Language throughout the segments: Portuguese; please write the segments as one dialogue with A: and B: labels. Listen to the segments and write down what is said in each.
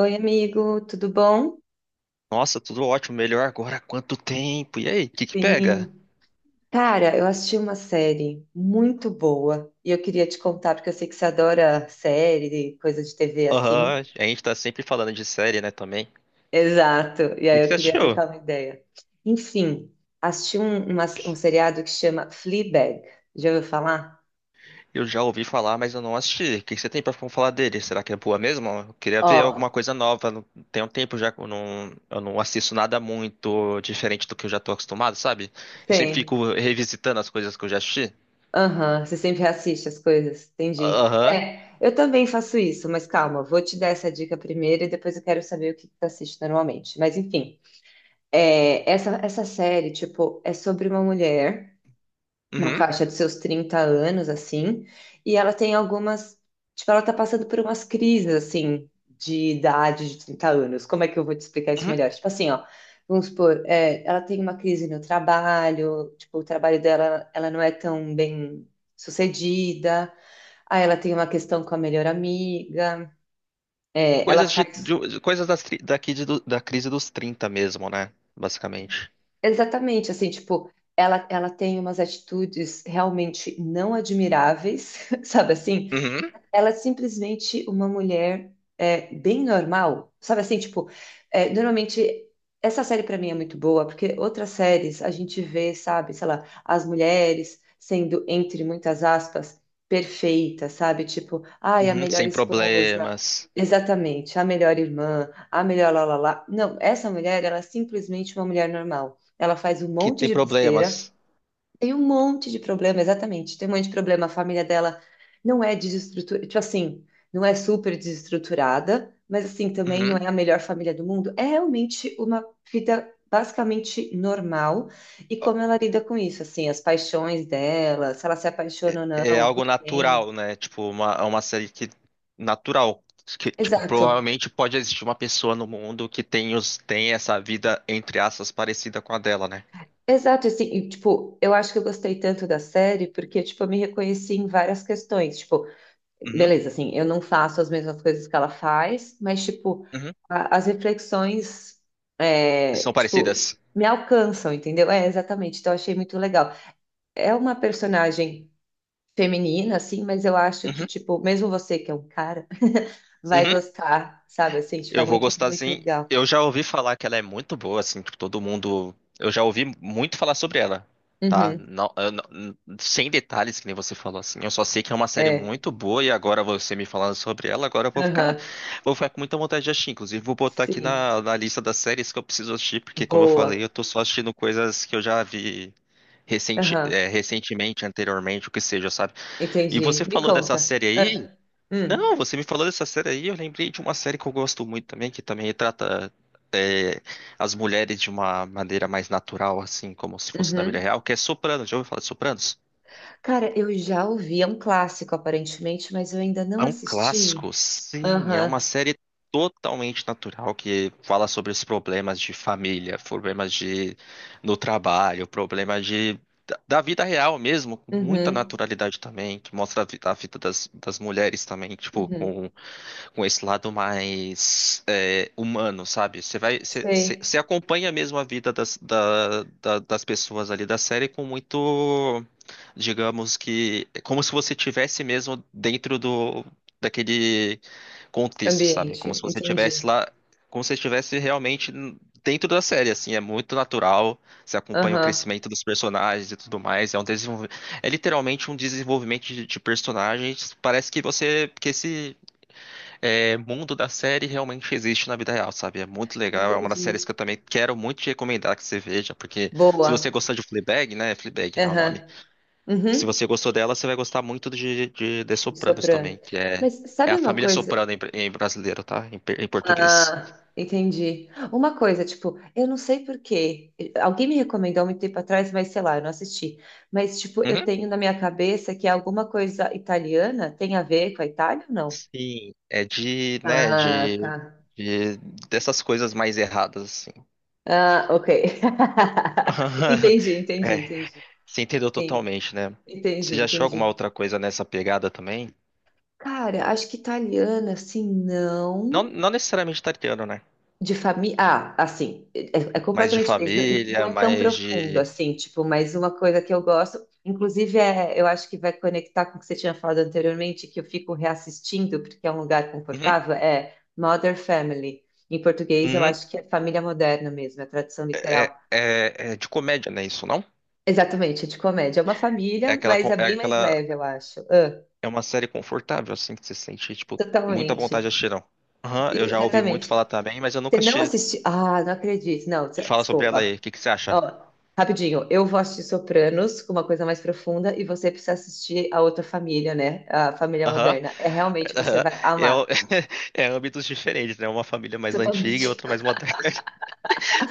A: Oi, amigo, tudo bom?
B: Nossa, tudo ótimo, melhor agora, quanto tempo? E aí, o que que pega?
A: Sim. Cara, eu assisti uma série muito boa e eu queria te contar, porque eu sei que você adora série, coisa de TV assim.
B: Aham, a gente tá sempre falando de série, né, também. O
A: Exato, e
B: que que
A: aí eu
B: você
A: queria
B: assistiu?
A: trocar uma ideia. Enfim, assisti um seriado que chama Fleabag. Já ouviu falar?
B: Eu já ouvi falar, mas eu não assisti. O que que você tem pra falar dele? Será que é boa mesmo? Eu queria
A: Ó,
B: ver alguma coisa nova. Tem um tempo já que eu não assisto nada muito diferente do que eu já tô acostumado, sabe? Eu sempre
A: tem.
B: fico revisitando as coisas que eu já assisti.
A: Aham, você sempre assiste as coisas, entendi.
B: Aham.
A: É, eu também faço isso, mas calma, vou te dar essa dica primeiro e depois eu quero saber o que que você assiste normalmente. Mas enfim. É, essa série, tipo, é sobre uma mulher na
B: Uhum.
A: faixa dos seus 30 anos, assim, e ela tem algumas, tipo, ela tá passando por umas crises, assim, de idade de 30 anos. Como é que eu vou te explicar isso
B: Uhum.
A: melhor? Tipo assim, ó, vamos supor, é, ela tem uma crise no trabalho, tipo, o trabalho dela, ela não é tão bem sucedida, aí ela tem uma questão com a melhor amiga, é, ela
B: Coisas
A: faz.
B: coisas daqui da crise dos 30, mesmo, né? Basicamente.
A: Exatamente, assim, tipo, ela tem umas atitudes realmente não admiráveis, sabe assim?
B: Uhum.
A: Ela é simplesmente uma mulher é, bem normal, sabe assim, tipo, é, normalmente essa série pra mim é muito boa, porque outras séries a gente vê, sabe, sei lá, as mulheres sendo, entre muitas aspas, perfeitas, sabe, tipo, ai, a
B: Uhum,
A: melhor
B: sem
A: esposa,
B: problemas.
A: exatamente, a melhor irmã, a melhor lá, lá, lá. Não, essa mulher, ela é simplesmente uma mulher normal. Ela faz um
B: Que
A: monte
B: tem
A: de besteira,
B: problemas.
A: tem um monte de problema, exatamente. Tem um monte de problema. A família dela não é desestruturada, tipo assim, não é super desestruturada, mas assim, também não
B: Uhum.
A: é a melhor família do mundo. É realmente uma vida basicamente normal. E como ela lida com isso, assim, as paixões dela, se ela se apaixona ou
B: É
A: não, por
B: algo
A: quem.
B: natural, né? É uma série que natural. Que, tipo,
A: Exato.
B: provavelmente pode existir uma pessoa no mundo que tem essa vida, entre aspas, parecida com a dela, né?
A: Exato, assim, e, tipo, eu acho que eu gostei tanto da série porque, tipo, eu me reconheci em várias questões. Tipo,
B: Uhum,
A: beleza, assim, eu não faço as mesmas coisas que ela faz, mas, tipo,
B: uhum.
A: as reflexões,
B: São
A: é, tipo,
B: parecidas.
A: me alcançam, entendeu? É, exatamente, então eu achei muito legal. É uma personagem feminina, assim, mas eu acho que,
B: Uhum,
A: tipo, mesmo você que é um cara, vai
B: uhum.
A: gostar, sabe? Assim, tipo, é
B: Eu vou
A: muito,
B: gostar
A: muito
B: sim.
A: legal.
B: Eu já ouvi falar que ela é muito boa, assim, tipo, todo mundo. Eu já ouvi muito falar sobre ela, tá?
A: Uhum,
B: Não, eu não- sem detalhes, que nem você falou, assim. Eu só sei que é uma série
A: é,
B: muito boa e agora você me falando sobre ela, agora eu
A: aham,
B: vou ficar com muita vontade de assistir. Inclusive, vou botar aqui
A: sim,
B: na lista das séries que eu preciso assistir, porque, como eu falei,
A: boa,
B: eu tô só assistindo coisas que eu já vi
A: aham,
B: recentemente, anteriormente, o que seja, sabe? E
A: entendi.
B: você
A: Me
B: falou dessa
A: conta.
B: série aí.
A: Ah,
B: Não,
A: hum,
B: você me falou dessa série aí, eu lembrei de uma série que eu gosto muito também, que também retrata é, as mulheres de uma maneira mais natural, assim, como se fosse na vida
A: uhum.
B: real, que é Sopranos. Já ouviu falar de Sopranos?
A: Cara, eu já ouvi, é um clássico aparentemente, mas eu ainda não
B: É um
A: assisti.
B: clássico, sim, é uma
A: Aham,
B: série totalmente natural que fala sobre os problemas de família, problemas de no trabalho, problemas de da vida real mesmo, com muita
A: uhum,
B: naturalidade também, que mostra a vida das mulheres também, tipo,
A: uhum.
B: com esse lado mais humano, sabe? Você vai, você, você-
A: Sei,
B: você acompanha mesmo a vida das pessoas ali da série com muito, digamos que, é como se você tivesse mesmo dentro do daquele contexto, sabe? Como
A: ambiente,
B: se você tivesse
A: entendi.
B: lá, como se você estivesse dentro da série, assim, é muito natural. Você acompanha o
A: Aham,
B: crescimento dos personagens e tudo mais. É literalmente um desenvolvimento de personagens. Parece que você, que esse mundo da série realmente existe na vida real, sabe? É muito legal, é uma das séries
A: entendi.
B: que eu também quero muito te recomendar que você veja, porque se
A: Boa,
B: você gostar de Fleabag, né? Fleabag, né, é o nome.
A: aham,
B: Se
A: uhum.
B: você gostou dela, você vai gostar muito de The Sopranos também,
A: Soprano.
B: que é,
A: Mas
B: é
A: sabe
B: a
A: uma
B: família
A: coisa?
B: Soprano em brasileiro, tá? Em português.
A: Ah, entendi. Uma coisa, tipo, eu não sei por quê. Alguém me recomendou há muito tempo atrás, mas sei lá, eu não assisti. Mas, tipo, eu
B: Uhum.
A: tenho na minha cabeça que alguma coisa italiana tem a ver com a Itália ou não?
B: Sim, é de, né,
A: Ah, tá.
B: de- dessas coisas mais erradas, assim.
A: Ah, ok. Entendi, entendi,
B: É,
A: entendi.
B: você entendeu
A: Sim,
B: totalmente, né?
A: entendi,
B: Você já achou alguma
A: entendi.
B: outra coisa nessa pegada também?
A: Cara, acho que italiana, assim, não.
B: Não, não necessariamente italiano, né?
A: De família. Ah, assim, é
B: Mais de
A: completamente diferente. Não, não
B: família,
A: é tão
B: mais
A: profundo,
B: de.
A: assim, tipo, mas uma coisa que eu gosto, inclusive, é, eu acho que vai conectar com o que você tinha falado anteriormente, que eu fico reassistindo, porque é um lugar
B: Uhum,
A: confortável, é Modern Family. Em português, eu
B: uhum.
A: acho que é família moderna mesmo, é a tradução literal.
B: É, é de comédia, né? Isso não?
A: Exatamente, é de comédia. É uma família, mas é
B: É
A: bem mais
B: aquela.
A: leve, eu acho. Ah,
B: É uma série confortável, assim, que você sente, tipo, muita vontade de
A: totalmente.
B: assistir, não. Aham, eu já ouvi muito
A: Exatamente.
B: falar também, mas eu
A: Você
B: nunca
A: não
B: assisti.
A: assistiu. Ah, não acredito. Não,
B: Me fala sobre ela aí,
A: desculpa.
B: o que que você acha?
A: Ó, rapidinho, eu vou assistir Sopranos com uma coisa mais profunda e você precisa assistir a outra família, né? A família
B: Aham,
A: moderna. É realmente você
B: aham.
A: vai
B: É,
A: amar.
B: é âmbitos diferentes, né? Uma família mais antiga e
A: Totalmente.
B: outra mais moderna.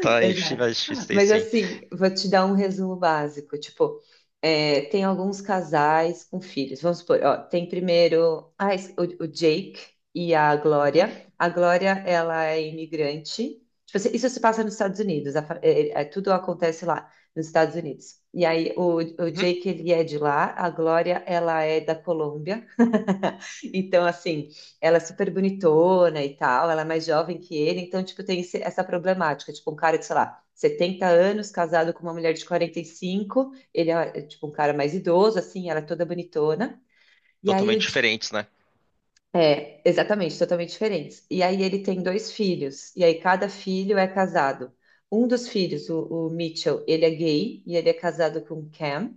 B: Tá, a gente
A: Exato.
B: vai assistir isso aí,
A: Mas
B: sim.
A: assim, vou te dar um resumo básico. Tipo, é, tem alguns casais com filhos. Vamos supor, ó, tem primeiro ah, o Jake e a
B: Uhum,
A: Glória. A Glória, ela é imigrante. Tipo assim, isso se passa nos Estados Unidos. A fa- é- é- é- tudo acontece lá, nos Estados Unidos. E aí, o
B: uhum.
A: Jake, ele é de lá. A Glória, ela é da Colômbia. Então, assim, ela é super bonitona e tal, ela é mais jovem que ele, então, tipo, tem essa problemática, tipo, um cara de, sei lá, 70 anos, casado com uma mulher de 45, ele é, tipo, um cara mais idoso, assim, ela é toda bonitona, e aí
B: Totalmente diferentes, né?
A: É, exatamente, totalmente diferentes. E aí ele tem dois filhos, e aí cada filho é casado. Um dos filhos, o Mitchell, ele é gay, e ele é casado com Cam,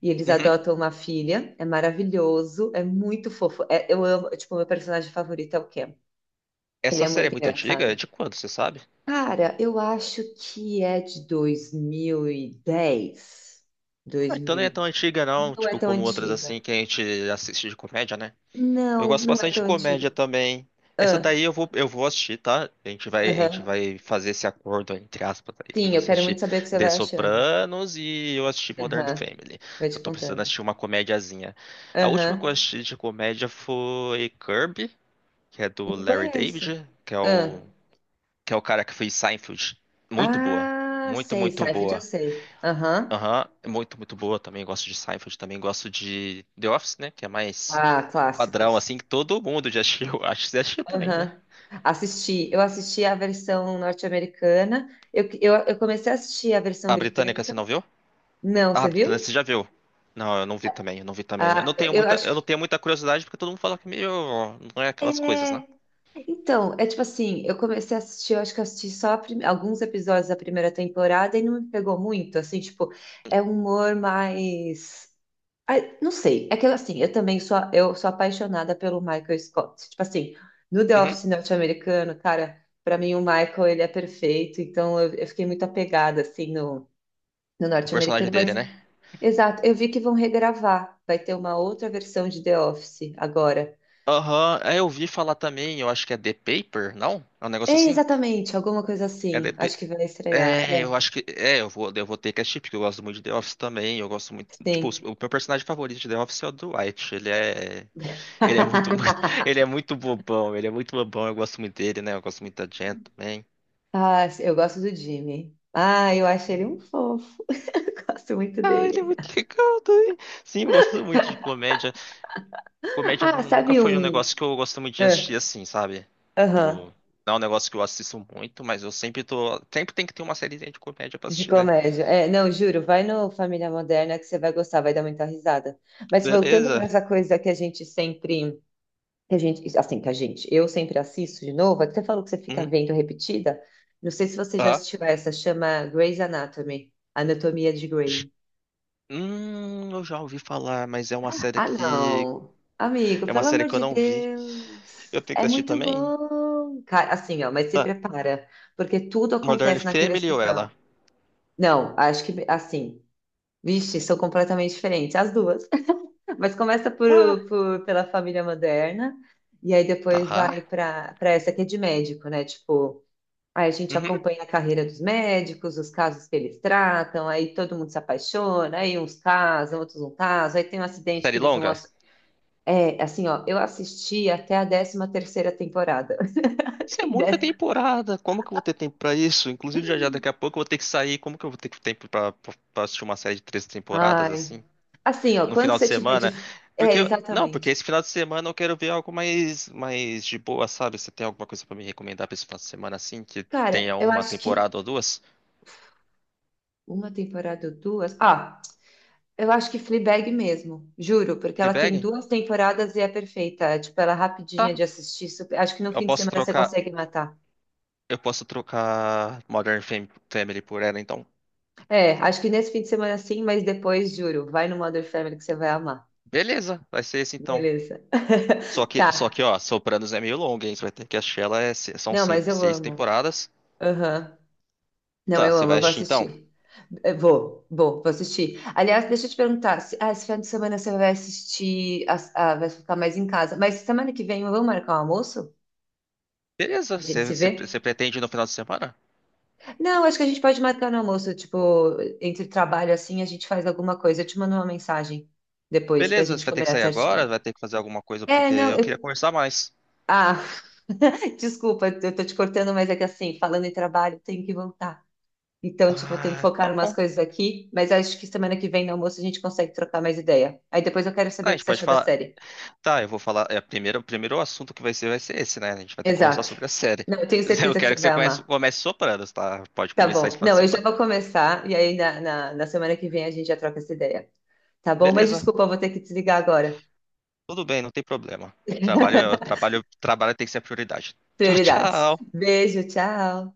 A: e eles
B: Uhum.
A: adotam uma filha, é maravilhoso, é muito fofo. É, eu amo, tipo, meu personagem favorito é o Cam. Ele
B: Essa
A: é
B: série é
A: muito
B: muito antiga? É
A: engraçado.
B: de quando, você sabe?
A: Cara, eu acho que é de 2010.
B: Ah, então não
A: 2000.
B: é
A: Dez.
B: tão antiga não,
A: Não é
B: tipo
A: tão
B: como outras
A: antiga.
B: assim que a gente assiste de comédia, né? Eu
A: Não,
B: gosto
A: não é
B: bastante de
A: tão
B: comédia
A: antiga.
B: também. Essa daí
A: Ah,
B: eu vou assistir, tá? A gente
A: aham.
B: vai fazer esse acordo, entre aspas, aí, de
A: Sim, eu
B: você
A: quero
B: assistir
A: muito saber o que você
B: The
A: vai achando.
B: Sopranos e eu assistir Modern
A: Aham.
B: Family.
A: Vou
B: Que eu
A: te
B: tô precisando
A: contando.
B: assistir uma comediazinha. A última que eu
A: Aham.
B: assisti de comédia foi Curb, que é do
A: Não
B: Larry
A: conheço.
B: David, que é o cara que fez Seinfeld. Muito boa.
A: Ah, ah,
B: Muito,
A: sei.
B: muito
A: Seinfeld eu
B: boa.
A: sei. Aham.
B: Aham, é muito, muito boa também. Gosto de Seinfeld, também gosto de The Office, né? Que é mais
A: Ah,
B: padrão, assim,
A: clássicos.
B: que todo mundo já assistiu. Acho que você assistiu também, né?
A: Aham. Eu assisti a versão norte-americana, eu comecei a assistir a versão
B: A britânica,
A: britânica.
B: você não viu?
A: Não,
B: Ah, a
A: você
B: britânica, você
A: viu?
B: já viu? Não, eu não vi também, eu não vi também.
A: Ah, eu
B: Eu não
A: acho.
B: tenho muita curiosidade, porque todo mundo fala que é meio... Não é aquelas coisas, né?
A: É. Então, é tipo assim, eu comecei a assistir, eu acho que eu assisti só alguns episódios da primeira temporada e não me pegou muito, assim, tipo, é um humor mais. Ai, não sei, é que assim, eu sou apaixonada pelo Michael Scott. Tipo assim, no The
B: Uhum.
A: Office norte-americano, cara, pra mim o Michael, ele é perfeito, então eu fiquei muito apegada, assim, no,
B: O personagem
A: norte-americano, mas,
B: dele, né?
A: exato, eu vi que vão regravar, vai ter uma outra versão de The Office agora.
B: Aham, é, eu vi falar também, eu acho que é The Paper, não? É um
A: É,
B: negócio assim?
A: exatamente, alguma coisa
B: É
A: assim,
B: The,
A: acho que vai estrear,
B: É, eu
A: é,
B: acho que. É, eu vou ter que assistir, porque eu gosto muito de The Office também. Eu gosto muito. Tipo,
A: sim.
B: o meu personagem favorito de The Office é o Dwight. Ele é. Ele é muito, muito. Ele é muito bobão. Ele é muito bobão. Eu gosto muito dele, né? Eu gosto muito da Jen também.
A: Ah, eu gosto do Jimmy. Ah, eu acho ele um fofo, gosto muito
B: Ah, ele é
A: dele.
B: muito legal também. Sim, eu gosto muito de comédia. Comédia
A: Ah,
B: nunca
A: sabe
B: foi um
A: um...
B: negócio que eu gosto muito de
A: Ah,
B: assistir assim, sabe?
A: aham,
B: Tipo, não é um negócio que eu assisto muito, mas eu sempre tô. Sempre tem que ter uma série de comédia pra
A: de
B: assistir, né?
A: comédia. É, não, juro, vai no Família Moderna que você vai gostar, vai dar muita risada. Mas voltando
B: Beleza.
A: para essa coisa que a gente sempre, que a gente, assim, que a gente, eu sempre assisto de novo, é que você falou que você fica
B: Uhum.
A: vendo repetida. Não sei se você já
B: Ah.
A: assistiu essa, chama Grey's Anatomy, Anatomia de Grey.
B: Eu já ouvi falar, mas é uma série
A: Ah,
B: que.
A: não. Amigo,
B: É uma
A: pelo
B: série
A: amor
B: que eu
A: de
B: não vi.
A: Deus.
B: Eu tenho
A: É
B: que assistir
A: muito
B: também?
A: bom. Cara, assim, ó, mas se
B: Tá.
A: prepara, porque tudo
B: Modern
A: acontece naquele
B: Family ou ela?
A: hospital. Não, acho que assim. Vixe, são completamente diferentes, as duas. Mas começa
B: Ah,
A: pela família moderna, e aí depois
B: tá.
A: vai para essa que é de médico, né? Tipo, aí a gente
B: Uhum.
A: acompanha a carreira dos médicos, os casos que eles tratam, aí todo mundo se apaixona, aí uns casam, outros não casam, aí tem um acidente que
B: Série
A: eles vão.
B: longa?
A: É, assim, ó, eu assisti até a 13ª temporada.
B: Isso é
A: Tem
B: muita temporada. Como que eu vou ter tempo pra isso? Inclusive, já já daqui a pouco eu vou ter que sair. Como que eu vou ter tempo pra assistir uma série de 3 temporadas
A: ai.
B: assim?
A: Assim, ó,
B: No
A: quando
B: final de
A: você tiver
B: semana?
A: de. É,
B: Não, porque
A: exatamente.
B: esse final de semana eu quero ver algo mais de boa, sabe? Você tem alguma coisa pra me recomendar pra esse final de semana assim? Que
A: Cara,
B: tenha
A: eu
B: uma
A: acho que
B: temporada ou duas?
A: uma temporada ou duas. Ah, eu acho que Fleabag mesmo, juro, porque ela tem
B: Fleabag?
A: duas temporadas e é perfeita. Tipo, ela é rapidinha
B: Tá.
A: de assistir. Acho que no
B: Eu
A: fim de
B: posso
A: semana você
B: trocar.
A: consegue matar.
B: Eu posso trocar Family por ela, então.
A: É, acho que nesse fim de semana sim, mas depois, juro, vai no Mother Family que você vai amar.
B: Beleza, vai ser esse então.
A: Beleza. Tá.
B: Ó, Sopranos é meio longo, hein? Você vai ter que assistir ela, são
A: Não,
B: seis,
A: mas eu
B: seis
A: amo.
B: temporadas.
A: Aham. Não,
B: Tá,
A: eu
B: você
A: amo,
B: vai
A: eu vou
B: assistir então?
A: assistir. Eu vou assistir. Aliás, deixa eu te perguntar, se, ah, esse fim de semana você vai assistir, vai ficar mais em casa, mas semana que vem vamos marcar um almoço?
B: Beleza,
A: A gente se vê?
B: você pretende ir no final de semana?
A: Não, acho que a gente pode marcar no almoço, tipo, entre trabalho assim, a gente faz alguma coisa. Eu te mando uma mensagem depois pra
B: Beleza, você
A: gente
B: vai ter que
A: combinar
B: sair agora,
A: certinho.
B: vai ter que fazer alguma coisa,
A: É,
B: porque
A: não,
B: eu queria
A: eu.
B: conversar mais.
A: Ah, desculpa, eu tô te cortando, mas é que assim, falando em trabalho, eu tenho que voltar. Então, tipo, eu tenho que
B: Ah,
A: focar
B: tá
A: em umas
B: bom.
A: coisas aqui, mas acho que semana que vem no almoço a gente consegue trocar mais ideia. Aí depois eu quero
B: Ah, a
A: saber o que
B: gente
A: você
B: pode
A: achou da
B: falar.
A: série.
B: Tá, eu vou falar. É, primeiro, o primeiro assunto que vai ser esse, né? A gente vai ter que conversar
A: Exato.
B: sobre a série.
A: Não, eu tenho
B: Eu
A: certeza que
B: quero
A: você
B: que você
A: vai amar.
B: comece Sopranos, tá? Pode
A: Tá
B: conversar esse
A: bom.
B: final de
A: Não, eu já
B: semana.
A: vou começar e aí na semana que vem a gente já troca essa ideia. Tá bom? Mas
B: Beleza,
A: desculpa, eu vou ter que desligar agora.
B: tudo bem, não tem problema. Trabalho, trabalho tem que ser a prioridade. Tchau,
A: Prioridades.
B: tchau.
A: Beijo, tchau.